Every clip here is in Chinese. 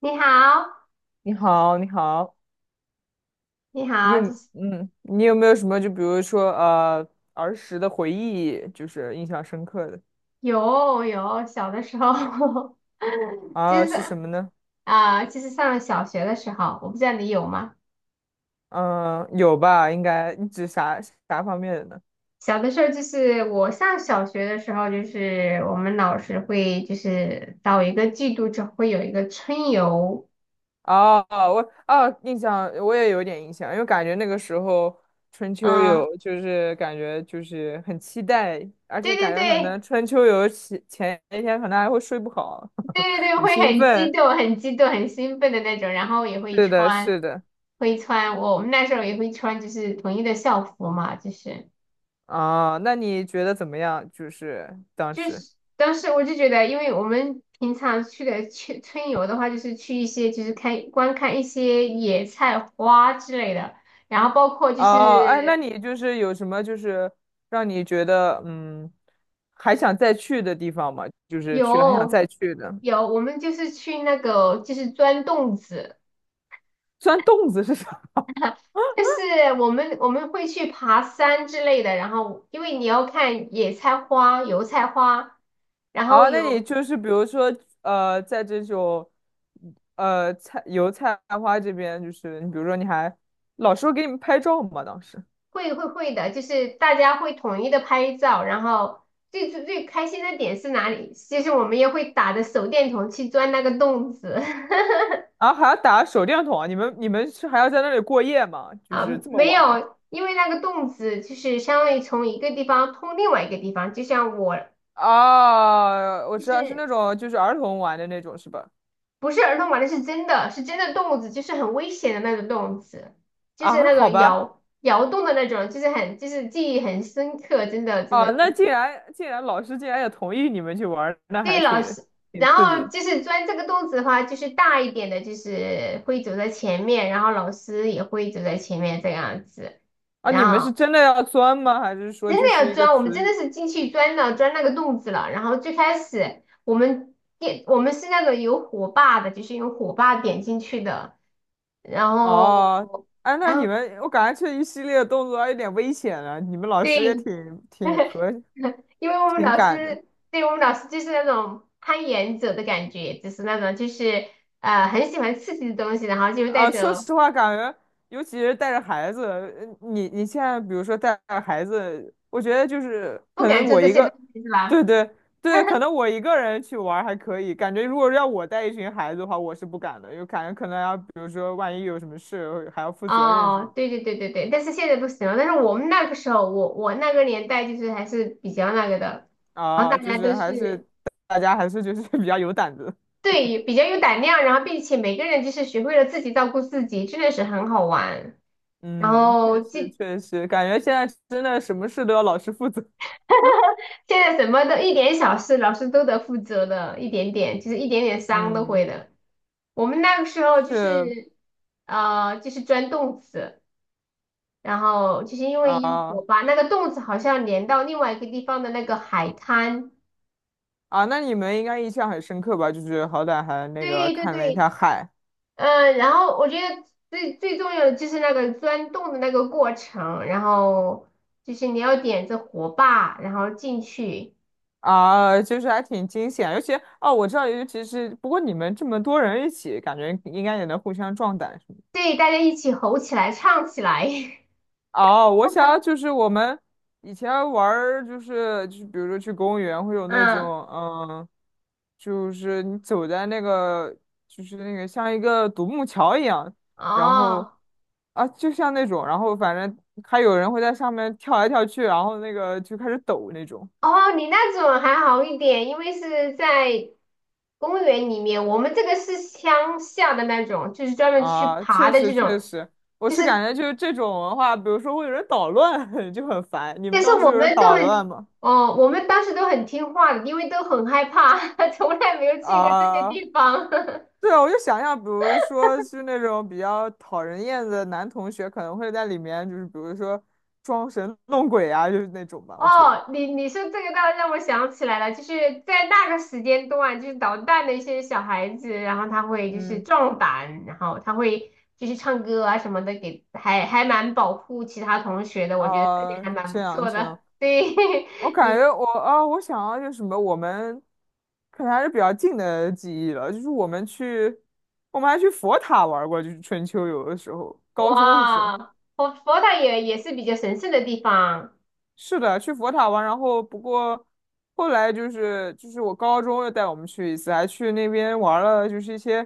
你好，你好，你好，你你好，有就是你有没有什么就比如说儿时的回忆，就是印象深刻的有小的时候，啊就是什是么呢？上了小学的时候，我不知道你有吗？嗯，有吧，应该你指啥啥方面的呢？小的时候就是我上小学的时候，就是我们老师会就是到一个季度就会有一个春游。哦，我印象我也有点印象，因为感觉那个时候春秋嗯，游就是感觉就是很期待，而且对感对觉可能对春秋游前一天可能还会睡不好，对 对对，很会兴很激奋。动、很激动、很兴奋的那种，然后也会是的，穿，是的。会穿我们那时候也会穿就是统一的校服嘛，就是。啊，那你觉得怎么样？就是当就时，是当时我就觉得，因为我们平常去春游的话，就是去一些就是观看一些野菜花之类的，然后包括就哦，哎，那是你就是有什么就是让你觉得还想再去的地方吗？就是去了还想有再去的，我们就是去那个就是钻洞子，钻洞子是啥？就是我们会去爬山之类的，然后因为你要看野菜花、油菜花，然后啊，那你有就是比如说在这种菜油菜花这边，就是你比如说你还老师会给你们拍照吗？当时，会的，就是大家会统一的拍照，然后最开心的点是哪里？就是我们也会打着手电筒去钻那个洞子。 啊，还要打手电筒啊？你们是还要在那里过夜吗？就啊，是这么没晚了。有，因为那个洞子就是相当于从一个地方通另外一个地方，就像我啊，我就知道是是那种就是儿童玩的那种是吧？不是儿童玩的，是真的是真的洞子，就是很危险的那种洞子，就是啊，那好种吧，摇摇动的那种，就是就是记忆很深刻，真的真啊，的。那竟然老师竟然也同意你们去玩儿那还对，老挺师，挺然刺激后的就是钻这个洞子的话，就是大一点的，就是会走在前面，然后老师也会走在前面这样子。啊！然你们是后真的要钻吗？还是说真的就是要一个钻，我们词真语？的是进去钻了，钻那个洞子了。然后最开始我们是那个有火把的，就是用火把点进去的。然后，哦，哎，那然你后们我感觉这一系列动作还有点危险了，你们老对，师 也挺和因为我们挺老敢的。师，对我们老师就是那种攀岩者的感觉，就是那种就是很喜欢刺激的东西，然后就带啊，说着实话，感觉尤其是带着孩子，你你现在比如说带着孩子，我觉得就是不可敢能做我这一些东个，西，是对吧？对对，可 能我一个人去玩儿还可以，感觉如果要我带一群孩子的话，我是不敢的，因为感觉可能要比如说万一有什么事还要负责任什么哦，对对对，但是现在不行了。但是我们那个时候，我那个年代就是还是比较那个的，然后大啊，就家都是还是是大家还是就是 比较有胆子，对比较有胆量，然后并且每个人就是学会了自己照顾自己，真的是很好玩。然嗯，后确实记确实，感觉现在真的什么事都要老师负责，现在什么都一点小事，老师都得负责的，一点点，就是一点点伤都会嗯，的。我们那个时候就是，是就是钻洞子，然后就是因为有我啊。把那个洞子好像连到另外一个地方的那个海滩。啊，那你们应该印象很深刻吧？就是好歹还那个对对看了一对，下海然后我觉得最重要的就是那个钻洞的那个过程，然后就是你要点着火把，然后进去，啊，就是还挺惊险。尤其哦，我知道，尤其是不过你们这么多人一起，感觉应该也能互相壮胆什么的。对，大家一起吼起来，唱起来。哦，我想要就是我们以前玩儿，就是比如说去公园会有 那嗯，种，嗯，就是你走在那个就是那个像一个独木桥一样，然后哦。啊就像那种，然后反正还有人会在上面跳来跳去，然后那个就开始抖那种哦，你那种还好一点，因为是在公园里面，我们这个是乡下的那种，就是专门去啊，爬确的实这确种，实，我就是是感觉就是这种文化，比如说会有人捣乱，就很烦。你们但是当时我有人们都捣乱很，吗？哦，我们当时都很听话的，因为都很害怕，从来没有去过这些啊地方。对啊，我就想象，比如说是那种比较讨人厌的男同学，可能会在里面，就是比如说装神弄鬼啊，就是那种吧。我觉得，哦，你说这个倒让我想起来了，就是在那个时间段，就是捣蛋的一些小孩子，然后他会就是嗯，壮胆，然后他会就是唱歌啊什么的，给还蛮保护其他同学的，我觉得这点啊、还蛮这不样错这样，的。对，我 感你觉我啊、我想要就是什么，我们可能还是比较近的记忆了，就是我们去，我们还去佛塔玩过，就是春秋游的时候，高中的时候。哇，佛塔也是比较神圣的地方，是的，去佛塔玩，然后不过后来就是我高中又带我们去一次，还去那边玩了，就是一些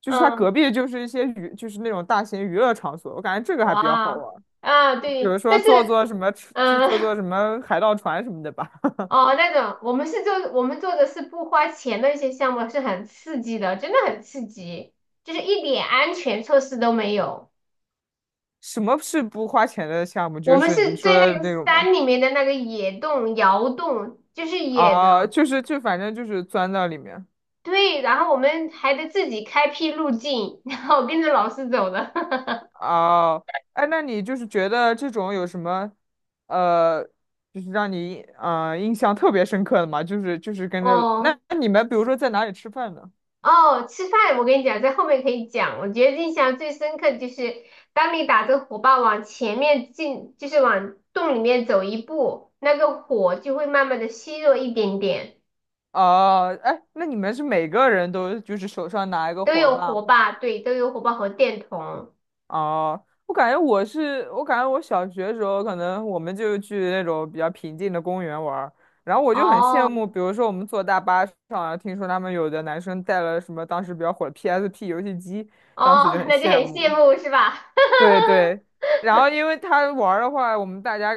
就是它嗯，隔壁就是一些就是那种大型娱乐场所，我感觉这个还比较好哇，玩，啊比如对，说但是坐坐什么去嗯。坐坐什 么海盗船什么的吧。哦，那种我们做的是不花钱的一些项目，是很刺激的，真的很刺激，就是一点安全措施都没有。什么是不花钱的项目？我就们是你是在说的那个那种吗？山里面的那个野洞、窑洞，就是野的，啊，就是就反正就是钻到里面。对。然后我们还得自己开辟路径，然后跟着老师走的。哦，哎，那你就是觉得这种有什么，呃，就是让你印象特别深刻的吗？就是跟着那哦，那你们比如说在哪里吃饭呢？哦，吃饭我跟你讲，在后面可以讲。我觉得印象最深刻的就是当你打着火把往前面进，就是往洞里面走一步，那个火就会慢慢的虚弱一点点。哦，哎，那你们是每个人都就是手上拿一个都火有把火吗？把，对，都有火把和电筒。哦，我感觉我小学的时候，可能我们就去那种比较平静的公园玩儿，然后我就很羡哦慕，比如说我们坐大巴上啊，听说他们有的男生带了什么当时比较火的 PSP 游戏机，当时就哦，很那就很羡慕。羡慕是吧？对对，然后因为他玩儿的话，我们大家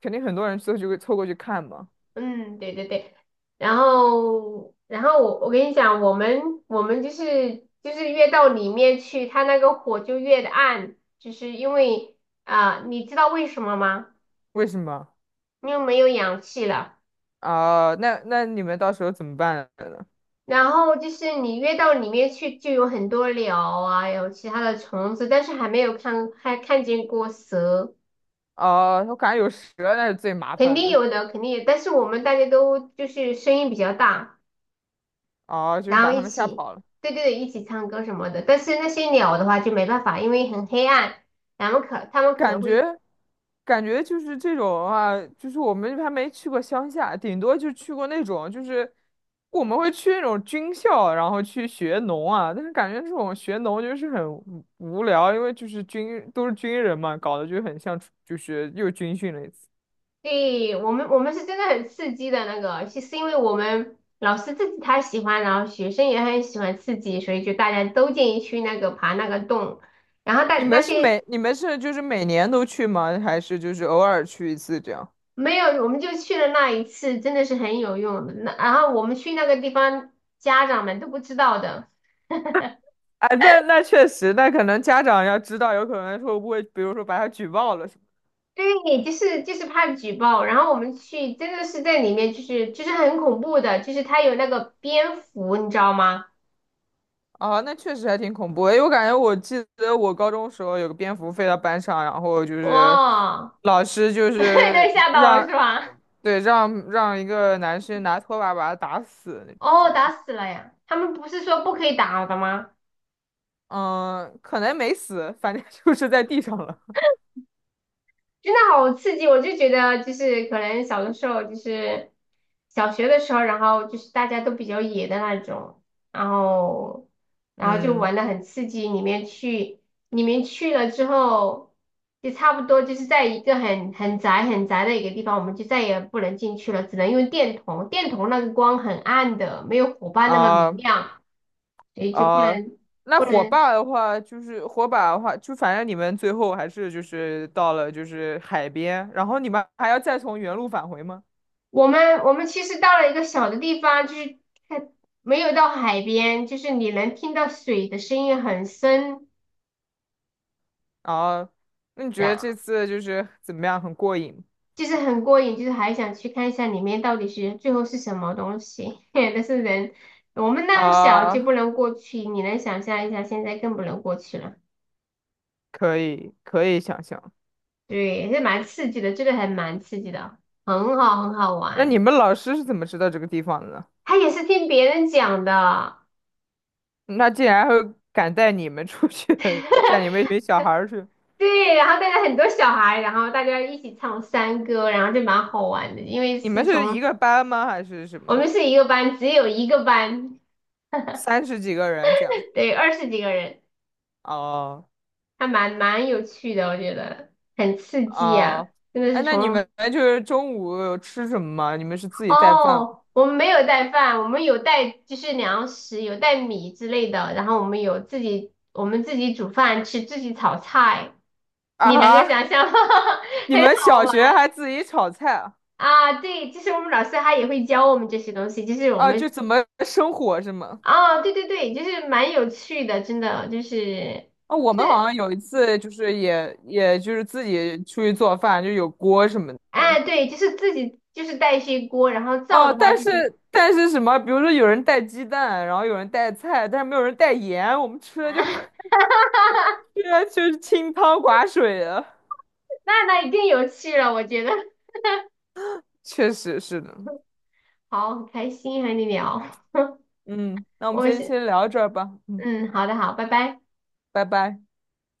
肯定很多人凑过去看嘛。嗯，对对对，然后我跟你讲，我们就是越到里面去，它那个火就越的暗，就是因为你知道为什么吗？为什么？因为没有氧气了。啊、那那你们到时候怎么办呢？然后就是你越到里面去，就有很多鸟啊，有其他的虫子，但是还没有看还看见过蛇，哦、我感觉有蛇那是最麻肯烦定的。有的，肯定有，但是我们大家都就是声音比较大。哦、就是然后把他一们吓起，跑了。对对对，一起唱歌什么的。但是那些鸟的话就没办法，因为很黑暗，然后他们可能感觉，会感觉就是这种啊，就是我们还没去过乡下，顶多就去过那种，就是我们会去那种军校，然后去学农啊。但是感觉这种学农就是很无聊，因为就是都是军人嘛，搞得就很像就是又军训了一次。对我们，我们是真的很刺激的那个，是是因为我们老师自己他喜欢，然后学生也很喜欢刺激，所以就大家都建议去那个爬那个洞，然后但那些你们是就是每年都去吗？还是就是偶尔去一次这样？没有，我们就去了那一次，真的是很有用的。那然后我们去那个地方，家长们都不知道的。哎，那那确实，那可能家长要知道，有可能会不会，比如说把他举报了。什么？对，就是怕举报，然后我们去真的是在里面，就是很恐怖的，就是它有那个蝙蝠，你知道吗？啊，那确实还挺恐怖的，因为我感觉我记得我高中时候有个蝙蝠飞到班上，然后就是哇，老师就 是对，吓到了是让，吧？对，让一个男生拿拖把把他打死那哦，种打吧。死了呀！他们不是说不可以打的吗？嗯，可能没死，反正 就是在地上了。真的好刺激！我就觉得，就是可能小的时候，就是小学的时候，然后就是大家都比较野的那种，然后然后就嗯，玩的很刺激。里面去，里面去了之后，就差不多就是在一个很窄很窄的一个地方，我们就再也不能进去了，只能用电筒。电筒那个光很暗的，没有火把那么明啊亮，所以就啊，那不火能。把的话，就反正你们最后还是就是到了就是海边，然后你们还要再从原路返回吗？我们其实到了一个小的地方，就是看，没有到海边，就是你能听到水的声音很深，啊，那你觉然得后这次就是怎么样？很过瘾就是很过瘾，就是还想去看一下里面到底是最后是什么东西。但是人我们那么小就啊？不能过去，你能想象一下，现在更不能过去了。可以，可以想象。对，也是蛮刺激的，这个还蛮刺激的，很好那你玩。们老师是怎么知道这个地方的呢？他也是听别人讲的。那竟然还会敢带你们出去，带你 们一群小孩儿去？对，然后带着很多小孩，然后大家一起唱山歌，然后就蛮好玩的。因为你们是是一从个班吗？还是什我么？们是一个班，只有一个班，三十几个人这样？对，二十几个人，哦还蛮有趣的，我觉得很刺激啊！哦，真的哎，是那你们从就是中午有吃什么吗？你们是自己带饭吗？哦，我们没有带饭，我们有带就是粮食，有带米之类的，然后我们自己煮饭吃，自己炒菜，啊你能够哈，想象吗？你很们好。小玩学还自己炒菜啊？啊，对，就是我们老师他也会教我们这些东西，就是我啊，就们怎么生火是吗？哦，对对对，就是蛮有趣的，真的就是啊，我就们好是像有一次就是也就是自己出去做饭，就有锅什么的。哎，对，就是自己就是带一些锅，然后造哦，的话但就是是但是什么，比如说有人带鸡蛋，然后有人带菜，但是没有人带盐，我们吃的啊，就 吃的就是清汤寡水的。那那一定有趣了，我觉得确实是的，好，很开心和你聊，嗯，那我们我今天先先聊到这儿吧，嗯，嗯，好的好，拜拜。拜拜。